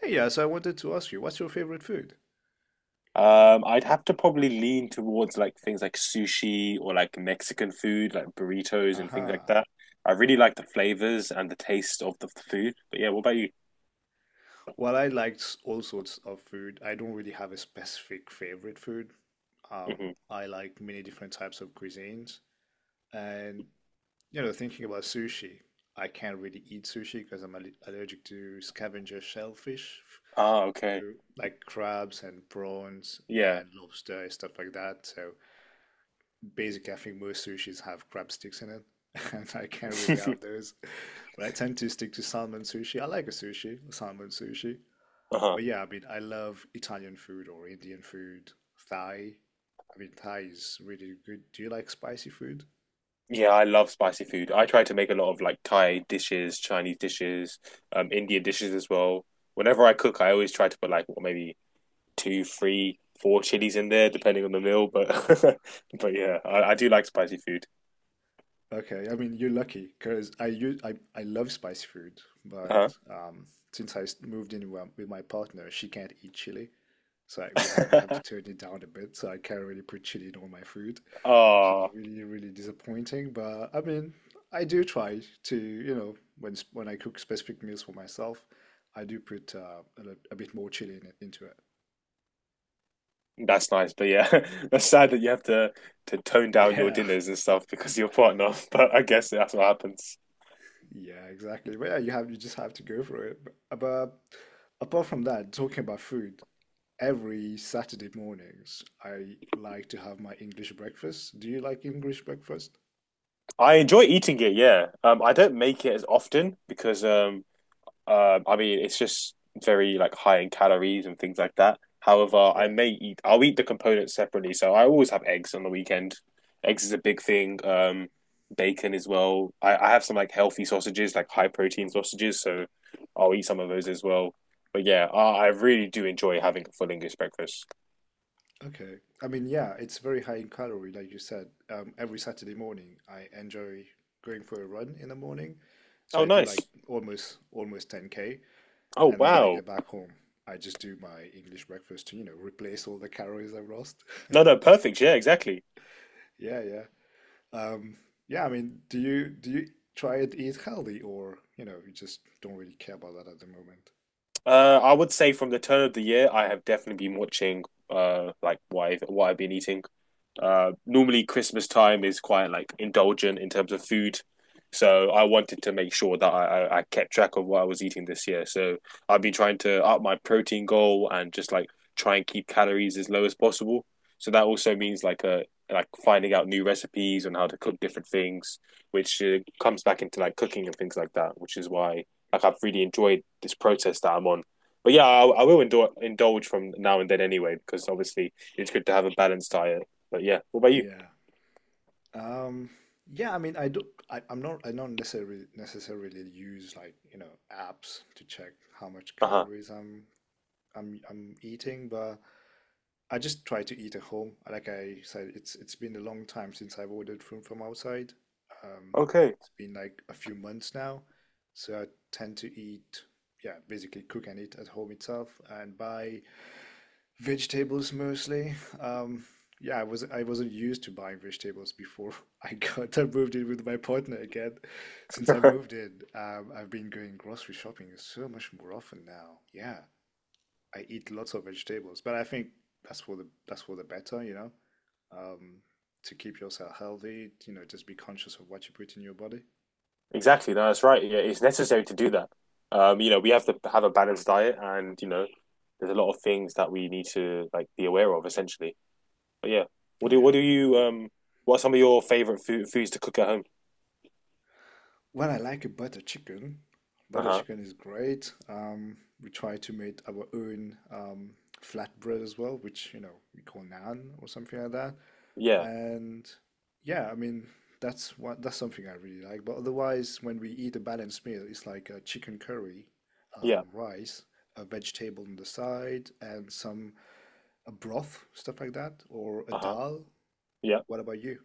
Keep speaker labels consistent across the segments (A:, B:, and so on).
A: Hey, yeah, so I wanted to ask you, what's your favorite food?
B: I'd have to probably lean towards like things like sushi or like Mexican food, like burritos and things like
A: Aha.
B: that. I really like the flavors and the taste of the food. But yeah, what about you?
A: Well, I liked all sorts of food. I don't really have a specific favorite food. Um,
B: Hmm.
A: I like many different types of cuisines. And, thinking about sushi, I can't really eat sushi because I'm allergic to scavenger shellfish.
B: Ah,
A: So,
B: okay.
A: like crabs and prawns
B: Yeah.
A: and lobster and stuff like that. So, basically, I think most sushis have crab sticks in it, and I can't really have those. But I tend to stick to salmon sushi. I like a sushi, a salmon sushi.
B: Uh-huh.
A: But yeah, I mean, I love Italian food or Indian food, Thai. I mean, Thai is really good. Do you like spicy food?
B: Yeah, I love spicy food. I try to make a lot of like Thai dishes, Chinese dishes, Indian dishes as well. Whenever I cook, I always try to put like what, maybe two, three, four chilies in there, depending on the meal.
A: Whoa.
B: But but yeah, I do like spicy food.
A: Okay, I mean, you're lucky because I love spicy food, but um, since I moved in with my partner, she can't eat chili. So we have to
B: Uh-huh.
A: turn it down a bit. So I can't really put chili in all my food, which is
B: Oh,
A: really really disappointing. But I mean, I do try to when when I cook specific meals for myself, I do put a bit more chili into it.
B: that's nice. But yeah, that's sad that you have to tone down your
A: Yeah,
B: dinners and stuff because of your partner. But I guess that's what happens.
A: yeah, exactly. But yeah, you just have to go for it. But apart from that, talking about food, every Saturday mornings I like to have my English breakfast. Do you like English breakfast?
B: I enjoy eating it, yeah. I don't make it as often because I mean, it's just very like high in calories and things like that. However, I
A: Yeah.
B: may eat. I'll eat the components separately. So I always have eggs on the weekend. Eggs is a big thing. Bacon as well. I have some like healthy sausages, like high protein sausages. So I'll eat some of those as well. But yeah, I really do enjoy having a full English breakfast.
A: Okay. I mean, yeah, it's very high in calorie, like you said. Every Saturday morning, I enjoy going for a run in the morning. So
B: Oh,
A: I do
B: nice.
A: like almost 10K.
B: Oh,
A: And then when I
B: wow.
A: get back home, I just do my English breakfast to, replace all the calories I've lost.
B: No, no, perfect. Yeah, exactly.
A: Yeah, yeah. Um, yeah, I mean, do you try to eat healthy or, you just don't really care about that at the moment?
B: I would say from the turn of the year, I have definitely been watching like what I've been eating. Normally Christmas time is quite like indulgent in terms of food, so I wanted to make sure that I kept track of what I was eating this year. So I've been trying to up my protein goal and just like try and keep calories as low as possible. So that also means like finding out new recipes and how to cook different things, which comes back into like cooking and things like that, which is why like I've really enjoyed this process that I'm on. But yeah, I will indulge from now and then anyway, because obviously it's good to have a balanced diet. But yeah, what about you?
A: Yeah. Um, yeah, I mean, I do. I, I'm not. I Don't necessarily use like apps to check how much
B: Uh huh.
A: calories I'm eating, but I just try to eat at home. Like I said, it's been a long time since I've ordered food from outside. Um,
B: Okay.
A: it's been like a few months now, so I tend to eat. Yeah, basically cook and eat at home itself and buy vegetables mostly. Um, yeah, I wasn't used to buying vegetables before I moved in with my partner again. Since I moved in, I've been going grocery shopping so much more often now. Yeah, I eat lots of vegetables, but I think that's for the better. Um, to keep yourself healthy, just be conscious of what you put in your body.
B: Exactly. No, that's right. Yeah, it's necessary to do that. You know, we have to have a balanced diet, and you know, there's a lot of things that we need to like be aware of, essentially. But yeah, what
A: Yeah.
B: do you
A: Y-
B: um? What are some of your favorite foods to cook at home?
A: Well, I like a butter chicken.
B: Uh
A: Butter
B: huh.
A: chicken is great. We try to make our own flatbread as well, which we call naan or something like that.
B: Yeah.
A: And yeah, I mean that's something I really like. But otherwise, when we eat a balanced meal, it's like a chicken curry,
B: Yeah.
A: rice, a vegetable on the side, and some a broth, stuff like that, or a
B: Uh huh.
A: dal.
B: Yeah.
A: What about you?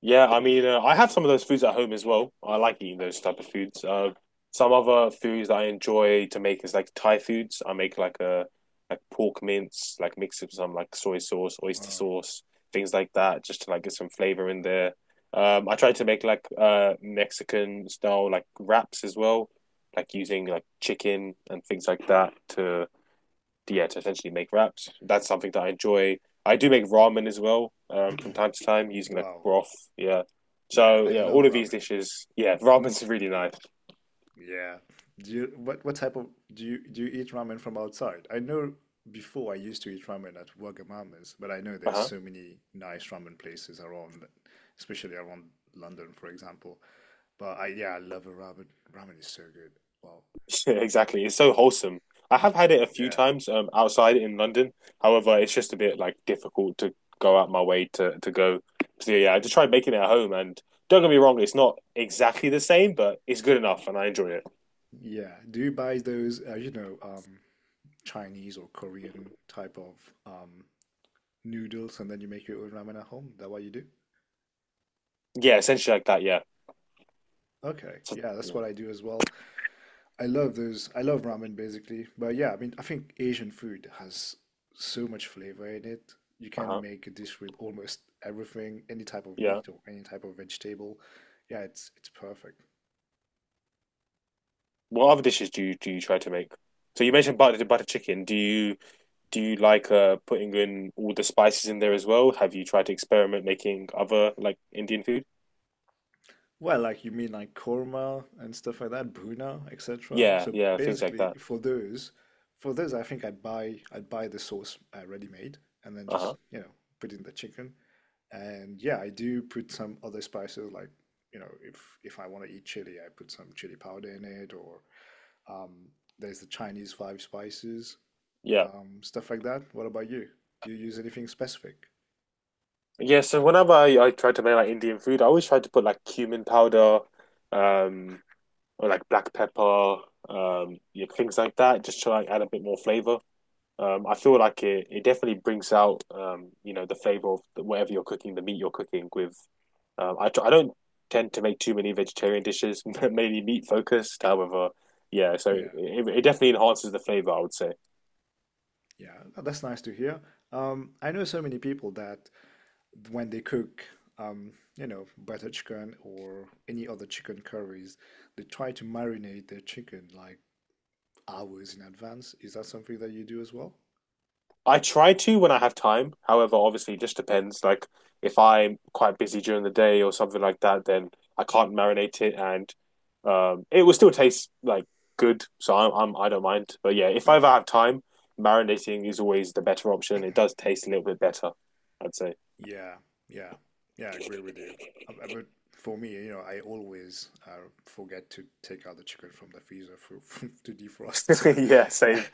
B: Yeah, I mean, I have some of those foods at home as well. I like eating those type of foods. Some other foods that I enjoy to make is like Thai foods. I make like a like pork mince, like mix it with some like soy sauce, oyster
A: Wow,
B: sauce, things like that, just to like get some flavor in there. I try to make like Mexican style like wraps as well, like using like chicken and things like that to yeah, to essentially make wraps. That's something that I enjoy. I do make ramen as well from time to time using like
A: wow,
B: broth. Yeah.
A: yeah,
B: So
A: I
B: yeah,
A: love
B: all of these
A: ramen.
B: dishes. Yeah, ramen's really nice.
A: Yeah. Do you what type of do you eat ramen from outside? I know before I used to eat ramen at Wagamama's, but I know there's
B: Uh-huh.
A: so many nice ramen places around, especially around London, for example. But I yeah, I love a ramen. Ramen is so good. Wow.
B: Yeah, exactly. It's so wholesome. I have had it a few
A: Yeah.
B: times outside in London. However, it's just a bit like difficult to go out my way to go. So yeah, I just try making it at home. And don't get me wrong, it's not exactly the same, but it's good enough, and I enjoy it.
A: Yeah. Do you buy those Chinese or Korean type of um noodles and then you make your own ramen at home? Is that what you do?
B: Yeah, essentially like that. Yeah,
A: Okay. Yeah, that's
B: yeah,
A: what I do as well. I love those. I love ramen basically. But yeah, I mean, I think Asian food has so much flavor in it. You
B: uh
A: can
B: huh,
A: make a dish with almost everything, any type of
B: yeah.
A: meat or any type of vegetable. Yeah, it's perfect.
B: What other dishes do you try to make? So you mentioned butter chicken. Do you do you like putting in all the spices in there as well? Have you tried to experiment making other like Indian food?
A: Well, like you mean like korma and stuff like that, buna, etc.
B: Yeah,
A: So
B: yeah, things like
A: basically,
B: that.
A: for those, I think I'd buy the sauce ready-made and then just,
B: Uh-huh.
A: put in the chicken. And yeah, I do put some other spices like, if I want to eat chili, I put some chili powder in it or um, there's the Chinese five spices,
B: Yeah.
A: stuff like that. What about you? Do you use anything specific?
B: Yeah, so whenever I try to make like Indian food, I always try to put like cumin powder, um, or like black pepper, yeah, things like that, just to like add a bit more flavor. I feel like it definitely brings out you know the flavor of whatever you're cooking, the meat you're cooking with. I don't tend to make too many vegetarian dishes, mainly meat focused. However, yeah, so
A: Yeah,
B: it definitely enhances the flavor, I would say.
A: yeah, that's nice to hear. I know so many people that when they cook, butter chicken or any other chicken curries, they try to marinate their chicken like hours in advance. Is that something that you do as well?
B: I try to when I have time. However, obviously, it just depends. Like, if I'm quite busy during the day or something like that, then I can't marinate it, and it will still taste like good. So I don't mind. But yeah, if I ever have time, marinating is always the better option. It does taste a little bit better, I'd say.
A: Yeah, yeah, yeah, I agree with you. But for me, I always forget to take out the chicken from the freezer for, to defrost. So,
B: Yeah, same.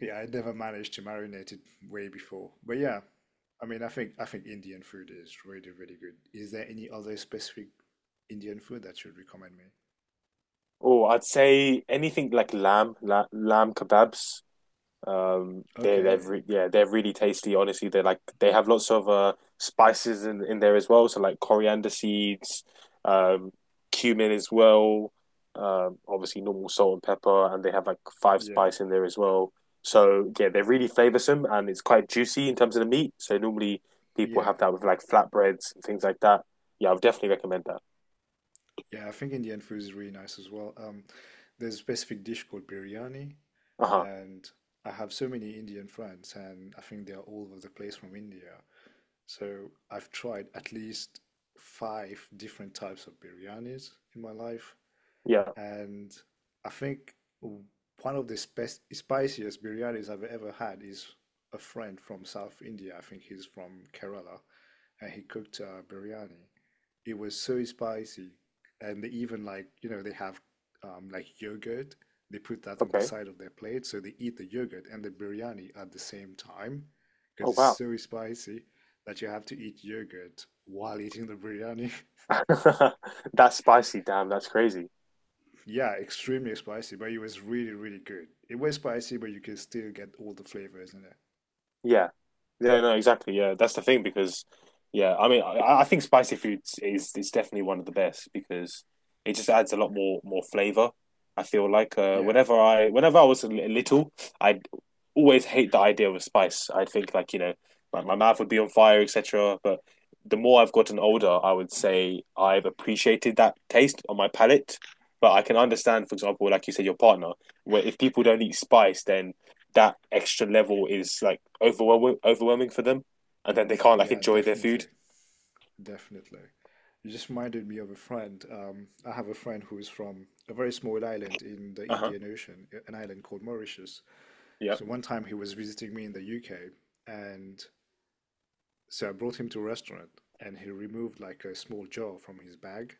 A: yeah, I never managed to marinate it way before. But yeah, I mean, I think Indian food is really, really good. Is there any other specific Indian food that you'd recommend me?
B: Oh, I'd say anything like lamb kebabs. They they're
A: Okay.
B: re yeah they're really tasty. Honestly, they like they have lots of spices in there as well. So like coriander seeds, um, cumin as well. Obviously normal salt and pepper, and they have like five
A: Yeah.
B: spice in there as well. So yeah, they're really flavoursome and it's quite juicy in terms of the meat. So normally people have
A: Yeah.
B: that with like flatbreads and things like that. Yeah, I would definitely recommend that.
A: Yeah, I think Indian food is really nice as well. There's a specific dish called biryani,
B: Uh-huh.
A: and I have so many Indian friends, and I think they are all over the place from India. So I've tried at least five different types of biryanis in my life,
B: Yeah.
A: and I think one of the spiciest biryanis I've ever had is a friend from South India. I think he's from Kerala, and he cooked biryani. It was so spicy, and they even like they have like yogurt. They put that on the
B: Okay.
A: side of their plate, so they eat the yogurt and the biryani at the same time because
B: Oh
A: it's
B: wow.
A: so spicy that you have to eat yogurt while eating the biryani.
B: That's spicy. Damn, that's crazy.
A: Yeah, extremely spicy, but it was really, really good. It was spicy, but you can still get all the flavors in it.
B: Yeah. Yeah, no, exactly. Yeah, that's the thing because, yeah, I mean, I think spicy foods is definitely one of the best because it just adds a lot more flavor. I feel like
A: Yeah,
B: whenever I was a little, I'd always hate the idea of spice. I'd think like, you know, like my mouth would be on fire, etc. But the more I've gotten older, I would say I've appreciated that taste on my palate. But I can understand, for example, like you said, your partner, where if people don't eat spice, then that extra level is like overwhelming for them, and then they can't like
A: yeah,
B: enjoy their
A: definitely.
B: food.
A: Definitely. You just reminded me of a friend. I have a friend who is from a very small island in the
B: Uh huh.
A: Indian Ocean, an island called Mauritius.
B: Yeah.
A: So one time he was visiting me in the UK, and so I brought him to a restaurant, and he removed like a small jar from his bag,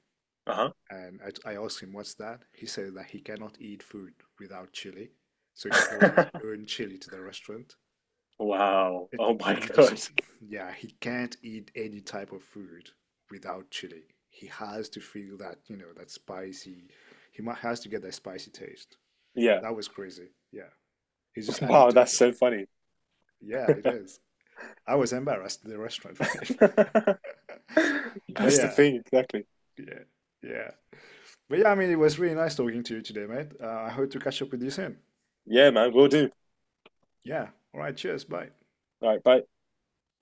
B: Uh
A: and I asked him, "What's that?" He said that he cannot eat food without chili, so he brought his
B: huh.
A: own chili to the restaurant.
B: Wow.
A: It
B: Oh my
A: he just
B: god.
A: yeah, he can't eat any type of food without chili. He has to feel that, that spicy. He has to get that spicy taste.
B: Yeah.
A: That was crazy. Yeah. He's just
B: Wow,
A: addicted
B: that's
A: to it.
B: so funny.
A: Yeah, it is. I was embarrassed in the restaurant, man. But
B: That's the
A: yeah,
B: thing, exactly.
A: yeah, yeah. But yeah, I mean, it was really nice talking to you today, mate. I hope to catch up with you soon.
B: Yeah, man, we'll do.
A: Yeah. All right. Cheers. Bye.
B: All right, bye.